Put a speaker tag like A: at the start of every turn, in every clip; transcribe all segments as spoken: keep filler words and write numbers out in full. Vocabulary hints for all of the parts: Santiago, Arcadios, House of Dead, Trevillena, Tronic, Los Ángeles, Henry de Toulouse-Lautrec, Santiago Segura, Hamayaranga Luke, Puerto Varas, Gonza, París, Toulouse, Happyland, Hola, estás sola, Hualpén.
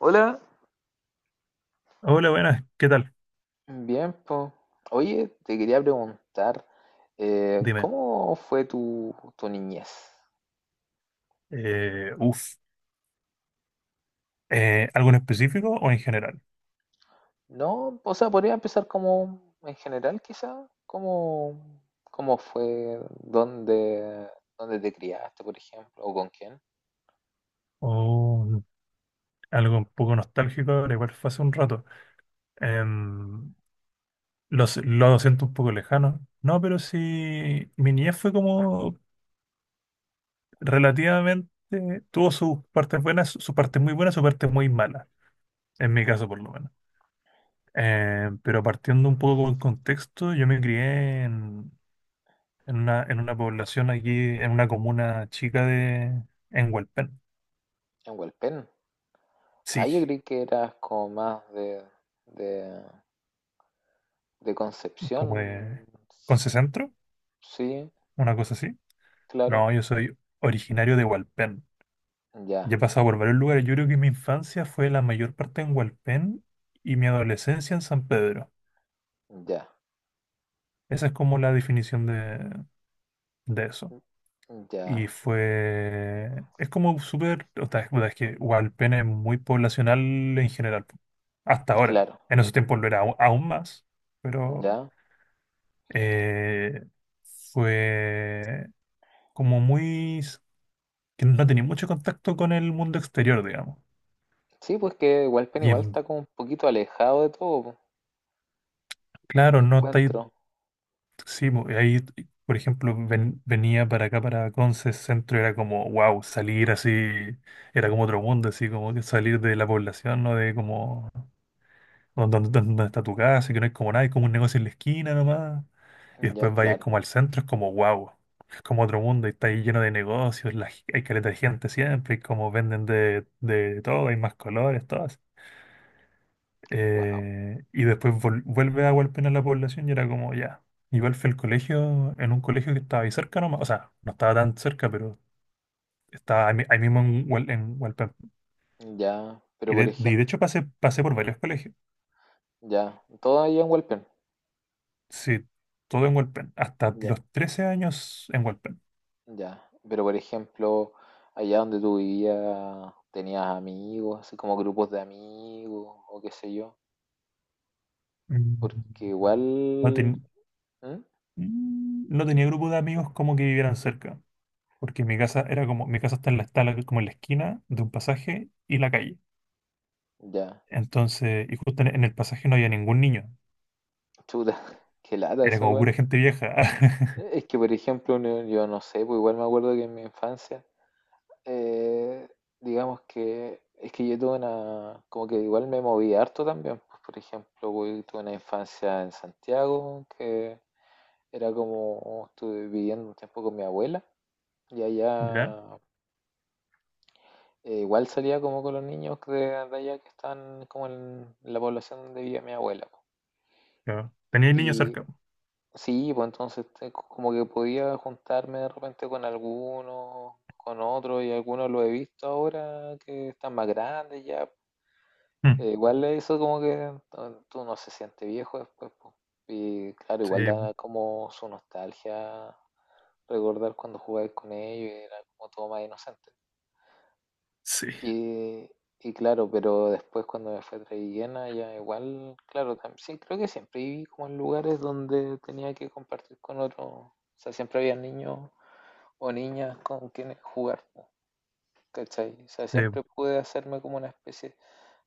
A: Hola.
B: Hola, buenas, ¿qué tal?
A: Bien, po. Oye, te quería preguntar, eh,
B: Dime,
A: ¿cómo fue tu, tu niñez?
B: eh, uf, eh, ¿algo en específico o en general?
A: No, o sea, podría empezar como en general, quizá. ¿Cómo, cómo fue, dónde, dónde te criaste, por ejemplo, o con quién?
B: O algo un poco nostálgico, ahora igual fue hace un rato. Em, los- lo siento un poco lejano. No, pero sí, mi niñez fue como relativamente, tuvo sus partes buenas, sus partes muy buenas, sus partes muy malas, en mi caso por lo menos. Em, pero partiendo un poco con el contexto, yo me crié en, en una, en una población aquí, en una comuna chica de, en Hualpén.
A: En Hualpén. Ah,
B: Sí,
A: yo creí que eras como más de, de, de Concepción.
B: como de Conce Centro,
A: Sí,
B: una cosa así.
A: claro,
B: No, yo soy originario de Hualpén.
A: ya,
B: Ya he pasado por varios lugares. Yo creo que mi infancia fue la mayor parte en Hualpén y mi adolescencia en San Pedro.
A: ya,
B: Esa es como la definición de, de eso. Y
A: ya,
B: fue... Es como súper... O sea, es puta, es que Hualpén es muy poblacional en general. Po. Hasta ahora.
A: claro,
B: En esos tiempos lo era au- aún más. Pero
A: ya.
B: eh, fue como muy... que no tenía mucho contacto con el mundo exterior, digamos.
A: Sí, pues que Walpen
B: Y
A: igual
B: en,
A: está como un poquito alejado de todo, po,
B: claro, no está ahí,
A: encuentro.
B: sí, bo- ahí, por ejemplo, ven- venía para acá, para Conce Centro, era como, wow, salir así, era como otro mundo, así como que salir de la población, ¿no? De como, donde, donde- donde está tu casa, y que no hay como nada, hay como un negocio en la esquina nomás, y
A: Ya,
B: después vayas
A: claro.
B: como al centro, es como, wow. Es como otro mundo, y está ahí lleno de negocios, la, hay caleta de gente siempre, y como venden de, de todo, hay más colores, todo.
A: Wow.
B: Eh, y después vol- vuelve a golpear a la población y era como, ya. Igual fue el colegio, en un colegio que estaba ahí cerca nomás, o sea, no estaba tan cerca, pero estaba ahí, mi- ahí mismo en, Hual- en Hualpén.
A: Ya, pero
B: Y
A: por
B: de, y
A: ejemplo,
B: de hecho pasé, pasé por varios colegios,
A: ya, todo allá en Walpen.
B: sí, todo en Hualpén, hasta
A: Ya,
B: los trece años en Hualpén.
A: ya. Pero por ejemplo, allá donde tú vivías, ¿tenías amigos, así como grupos de amigos o qué sé yo? Porque
B: Mm, No,
A: igual,
B: ten-
A: ¿mm?
B: mm, no tenía grupo de amigos como que vivieran cerca, porque mi casa era como, mi casa está en la, está la- como en la esquina de un pasaje y la calle.
A: Ya,
B: Entonces, y justo en en el pasaje no había ningún niño.
A: chuta, qué lata
B: Era
A: eso
B: como
A: igual.
B: pura gente vieja.
A: Eh, Es que por ejemplo, no- yo no sé, pues igual me acuerdo que en mi infancia Eh, digamos que es que yo tuve una, como que igual me moví harto también, pues, por ejemplo, güey, tuve una infancia en Santiago, que era como, estuve viviendo un tiempo con mi abuela, y
B: Ya,
A: allá eh, igual salía como con los niños de, de allá que están como en la población donde vivía mi abuela, po.
B: claro. Teníais niños
A: Y
B: cerca.
A: sí, pues entonces te- como que podía juntarme de repente con algunos, con otros, y algunos lo he visto ahora que están más grandes ya. Eh,
B: Mm,
A: igual eso como que no- tú no se siente viejo después, po. Y claro,
B: sí,
A: igual da como su nostalgia recordar cuando jugabas con ellos y era como todo más inocente.
B: sí,
A: Y, y claro, pero después cuando me fui a Trevillena, ya igual, claro, tam- sí, creo que siempre viví como en lugares donde tenía que compartir con otros, o sea, siempre había niños o niñas con quienes jugar, po, ¿cachai? O sea,
B: sí,
A: siempre pude hacerme como una especie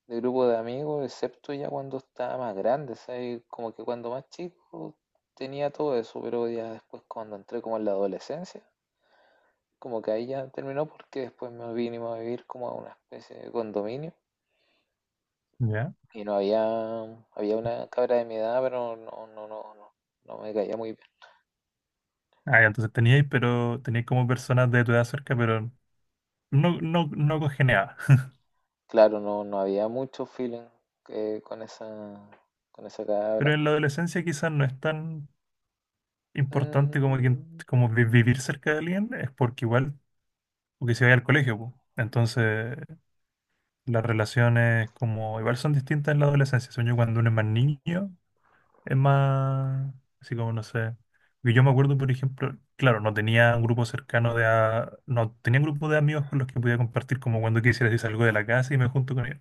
A: de grupo de amigos, excepto ya cuando estaba más grande, ¿sabes? Como que cuando más chico tenía todo eso, pero ya después cuando entré como en la adolescencia, como que ahí ya terminó porque después me vinimos a vivir como a una especie de condominio
B: ya.
A: y no había, había una cabra de mi edad, pero no, no, no, no, no me caía muy bien.
B: Ah, ya, entonces teníais, pero teníais como personas de tu edad cerca, pero no, no, no congeniaba.
A: Claro, no, no había mucho feeling eh, con esa, con esa cabra.
B: Pero en la adolescencia quizás no es tan importante como, que,
A: Mm,
B: como vi- vivir cerca de alguien, es porque igual, porque si vais al colegio, po. Entonces las relaciones como igual son distintas en la adolescencia. Sueño cuando uno es más niño, es más, así como no sé. Porque yo me acuerdo, por ejemplo, claro, no tenía un grupo cercano de... a- No tenía un grupo de amigos con los que podía compartir como cuando quisiera si salgo de la casa y me junto con ellos.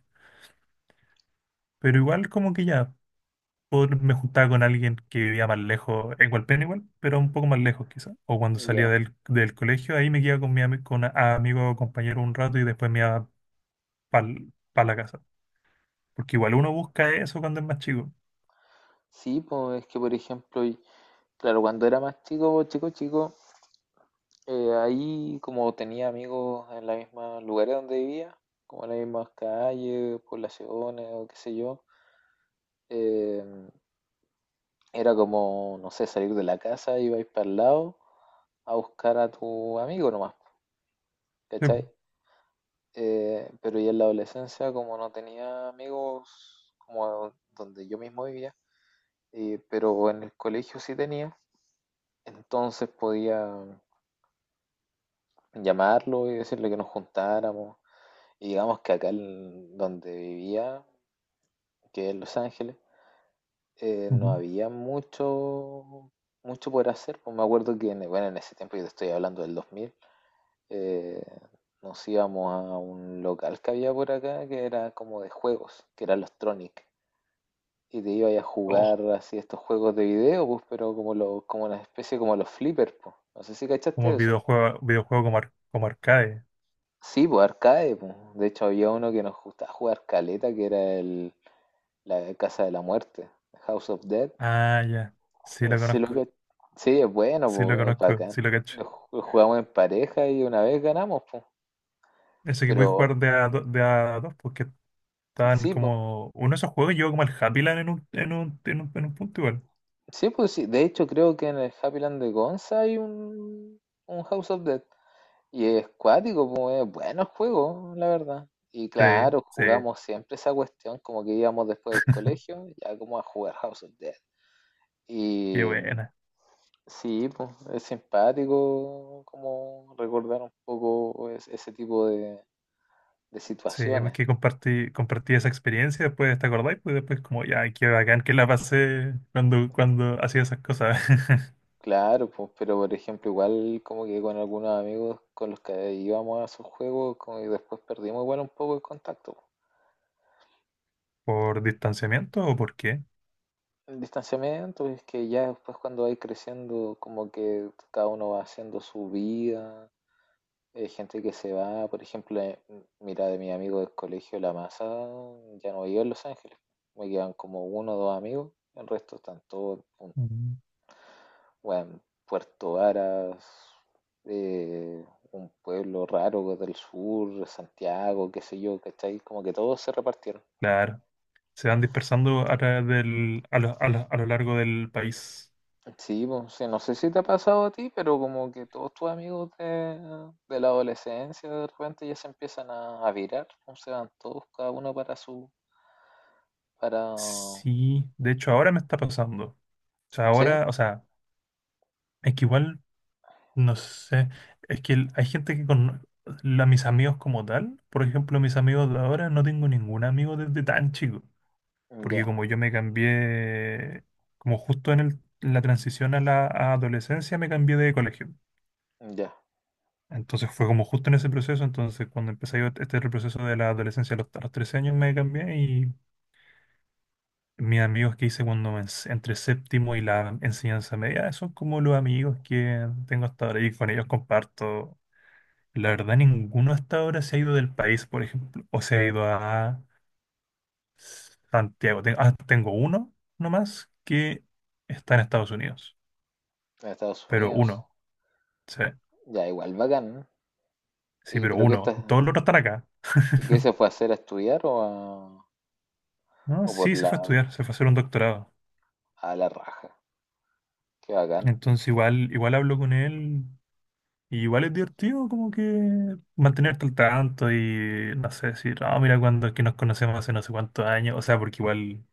B: Pero igual como que ya pod- me juntaba con alguien que vivía más lejos, en Hualpén igual, pero un poco más lejos quizás. O cuando salía
A: ya.
B: del, del colegio, ahí me quedaba con mi ami- con a, a amigo o compañero un rato y después me iba para la casa. Porque igual uno busca eso cuando es más chico.
A: Sí, pues es que por ejemplo claro, cuando era más chico, chico, chico, eh, ahí como tenía amigos en los mismos lugares donde vivía, como en las mismas calles, poblaciones o qué sé yo. eh, Era como, no sé, salir de la casa, ibais para el lado a buscar a tu amigo nomás,
B: Sí,
A: ¿cachai?
B: po.
A: Eh, pero ya en la adolescencia, como no tenía amigos como donde yo mismo vivía, eh, pero en el colegio sí tenía, entonces podía llamarlo y decirle que nos juntáramos. Y digamos que acá en donde vivía, que es Los Ángeles, eh, no
B: Ujú.
A: había mucho, mucho por hacer. Pues me acuerdo que, en, bueno, en ese tiempo, yo te estoy hablando del dos mil, eh, nos íbamos a un local que había por acá que era como de juegos, que era los Tronic. Y te ibas a
B: Oh,
A: jugar así estos juegos de video, pues, pero como, lo, como una especie como los flippers, pues. No sé si cachaste
B: como
A: eso.
B: videojuego, videojuego como, ar- como arcade.
A: Sí, pues arcade, pues. De hecho había uno que nos gustaba jugar caleta, que era el, la de Casa de la Muerte, House of Dead.
B: Ah, ya. Sí lo
A: Así lo
B: conozco.
A: que... Sí, es bueno,
B: Sí lo
A: po, es
B: conozco.
A: bacán.
B: Sí lo cacho.
A: Lo ju- jugamos en pareja y una vez ganamos, po.
B: Ese que pude
A: Pero
B: jugar de a, do- de a dos, porque estaban
A: sí, po.
B: como. Uno de esos juegos llegó como al Happy Land en un, en un, en un, en un punto igual.
A: Sí, pues sí. De hecho, creo que en el Happyland de Gonza hay un, un House of Dead. Y es cuático, pues es bueno el juego, la verdad. Y
B: Sí,
A: claro,
B: sí.
A: jugamos siempre esa cuestión, como que íbamos después del colegio, ya como a jugar House of Dead.
B: Qué buena.
A: Sí, pues, es simpático como recordar un poco es- ese tipo de, de
B: Sí,
A: situaciones.
B: porque compartí, compartí esa experiencia después, ¿te acordáis? Pues después como, ya, qué bacán que la pasé cuando, cuando hacía esas cosas.
A: Claro, pues, pero por ejemplo, igual como que con algunos amigos con los que íbamos a esos juegos, como y después perdimos igual un poco el contacto.
B: ¿Por distanciamiento o por qué?
A: Pues, el distanciamiento es que ya después cuando vais creciendo, como que cada uno va haciendo su vida. Hay gente que se va, por ejemplo, eh, m- mira, de mi amigo del colegio, la masa, ya no vive en Los Ángeles. Me quedan como uno o dos amigos, el resto están todos en
B: Mm,
A: bueno, Puerto Varas, eh, un pueblo raro del sur, Santiago, qué sé yo, ¿cachai? Como que todos se repartieron.
B: claro. Se van dispersando a través del, a lo, a lo- a lo largo del país.
A: Sí, pues, sí, no sé si te ha pasado a ti, pero como que todos tus amigos de, de la adolescencia de repente ya se empiezan a, a virar, pues, se van todos cada uno para su, para
B: Sí, de hecho ahora me está pasando. O sea,
A: sí,
B: ahora, o sea, es que igual, no sé, es que el- hay gente que con la- mis amigos como tal, por ejemplo, mis amigos de ahora, no tengo ningún amigo desde tan chico, porque
A: ya,
B: como yo me cambié, como justo en el- la transición a la a adolescencia, me cambié de colegio.
A: ya.
B: Entonces fue como justo en ese proceso, entonces cuando empecé yo este este proceso de la adolescencia a los, a los trece años me cambié mis amigos que hice cuando me ens- entre séptimo y la enseñanza media, son como los amigos que tengo hasta ahora y con ellos comparto. La verdad, ninguno hasta ahora se ha ido del país, por ejemplo, o se ha ido a Santiago. Ten- ah, tengo uno nomás que está en Estados Unidos,
A: En Estados
B: pero
A: Unidos.
B: uno, sí,
A: Ya, igual, bacán.
B: sí,
A: ¿Y
B: pero
A: pero qué
B: uno.
A: estás,
B: Todos los otros están acá.
A: y qué se fue a hacer a estudiar o a,
B: No,
A: o por
B: sí, se
A: la
B: fue a estudiar, se fue a hacer un doctorado.
A: a la raja? Qué bacán.
B: Entonces igual, igual hablo con él. Y igual es divertido como que mantenerte al tanto y no sé, decir, ah, mira cuando es que nos conocemos hace no sé cuántos años, o sea, porque igual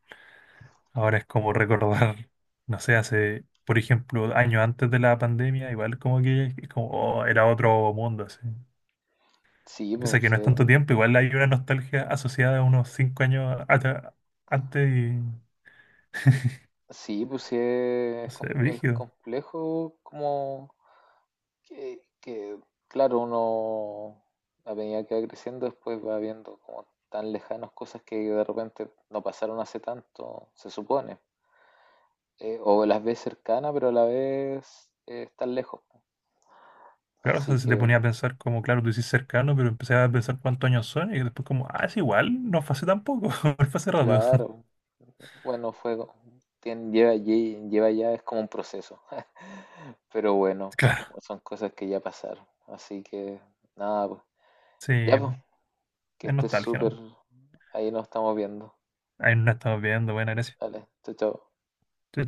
B: ahora es como recordar, no sé, hace, por ejemplo, años antes de la pandemia, igual como que es como, oh, era otro mundo, así.
A: Sí,
B: Pese a
A: pues
B: que no
A: sí,
B: es tanto tiempo, igual hay una nostalgia asociada a unos cinco años atra- antes y, no
A: sí, pues sí es,
B: sé,
A: com- es
B: brígido.
A: complejo como que, que, claro, uno a medida que va creciendo después va viendo como tan lejanos cosas que de repente no pasaron hace tanto, se supone. Eh, o las ves cercanas, pero a la vez eh, están lejos.
B: Claro, o
A: Así
B: sea, se te
A: que,
B: ponía a pensar como, claro, tú dices cercano, pero empecé a pensar cuántos años son y después como, ah, es igual, no fue hace tampoco, fue hace rato.
A: claro, bueno, fue, tien- lleva allí, lleva ya, es como un proceso. Pero bueno,
B: Claro,
A: son cosas que ya pasaron. Así que, nada, pues.
B: sí,
A: Ya, pues,
B: es
A: que estés
B: nostalgia,
A: súper.
B: ¿no?
A: Ahí nos estamos viendo.
B: Ahí nos estamos viendo, buena gracias.
A: Dale, chao, chao.
B: Chao,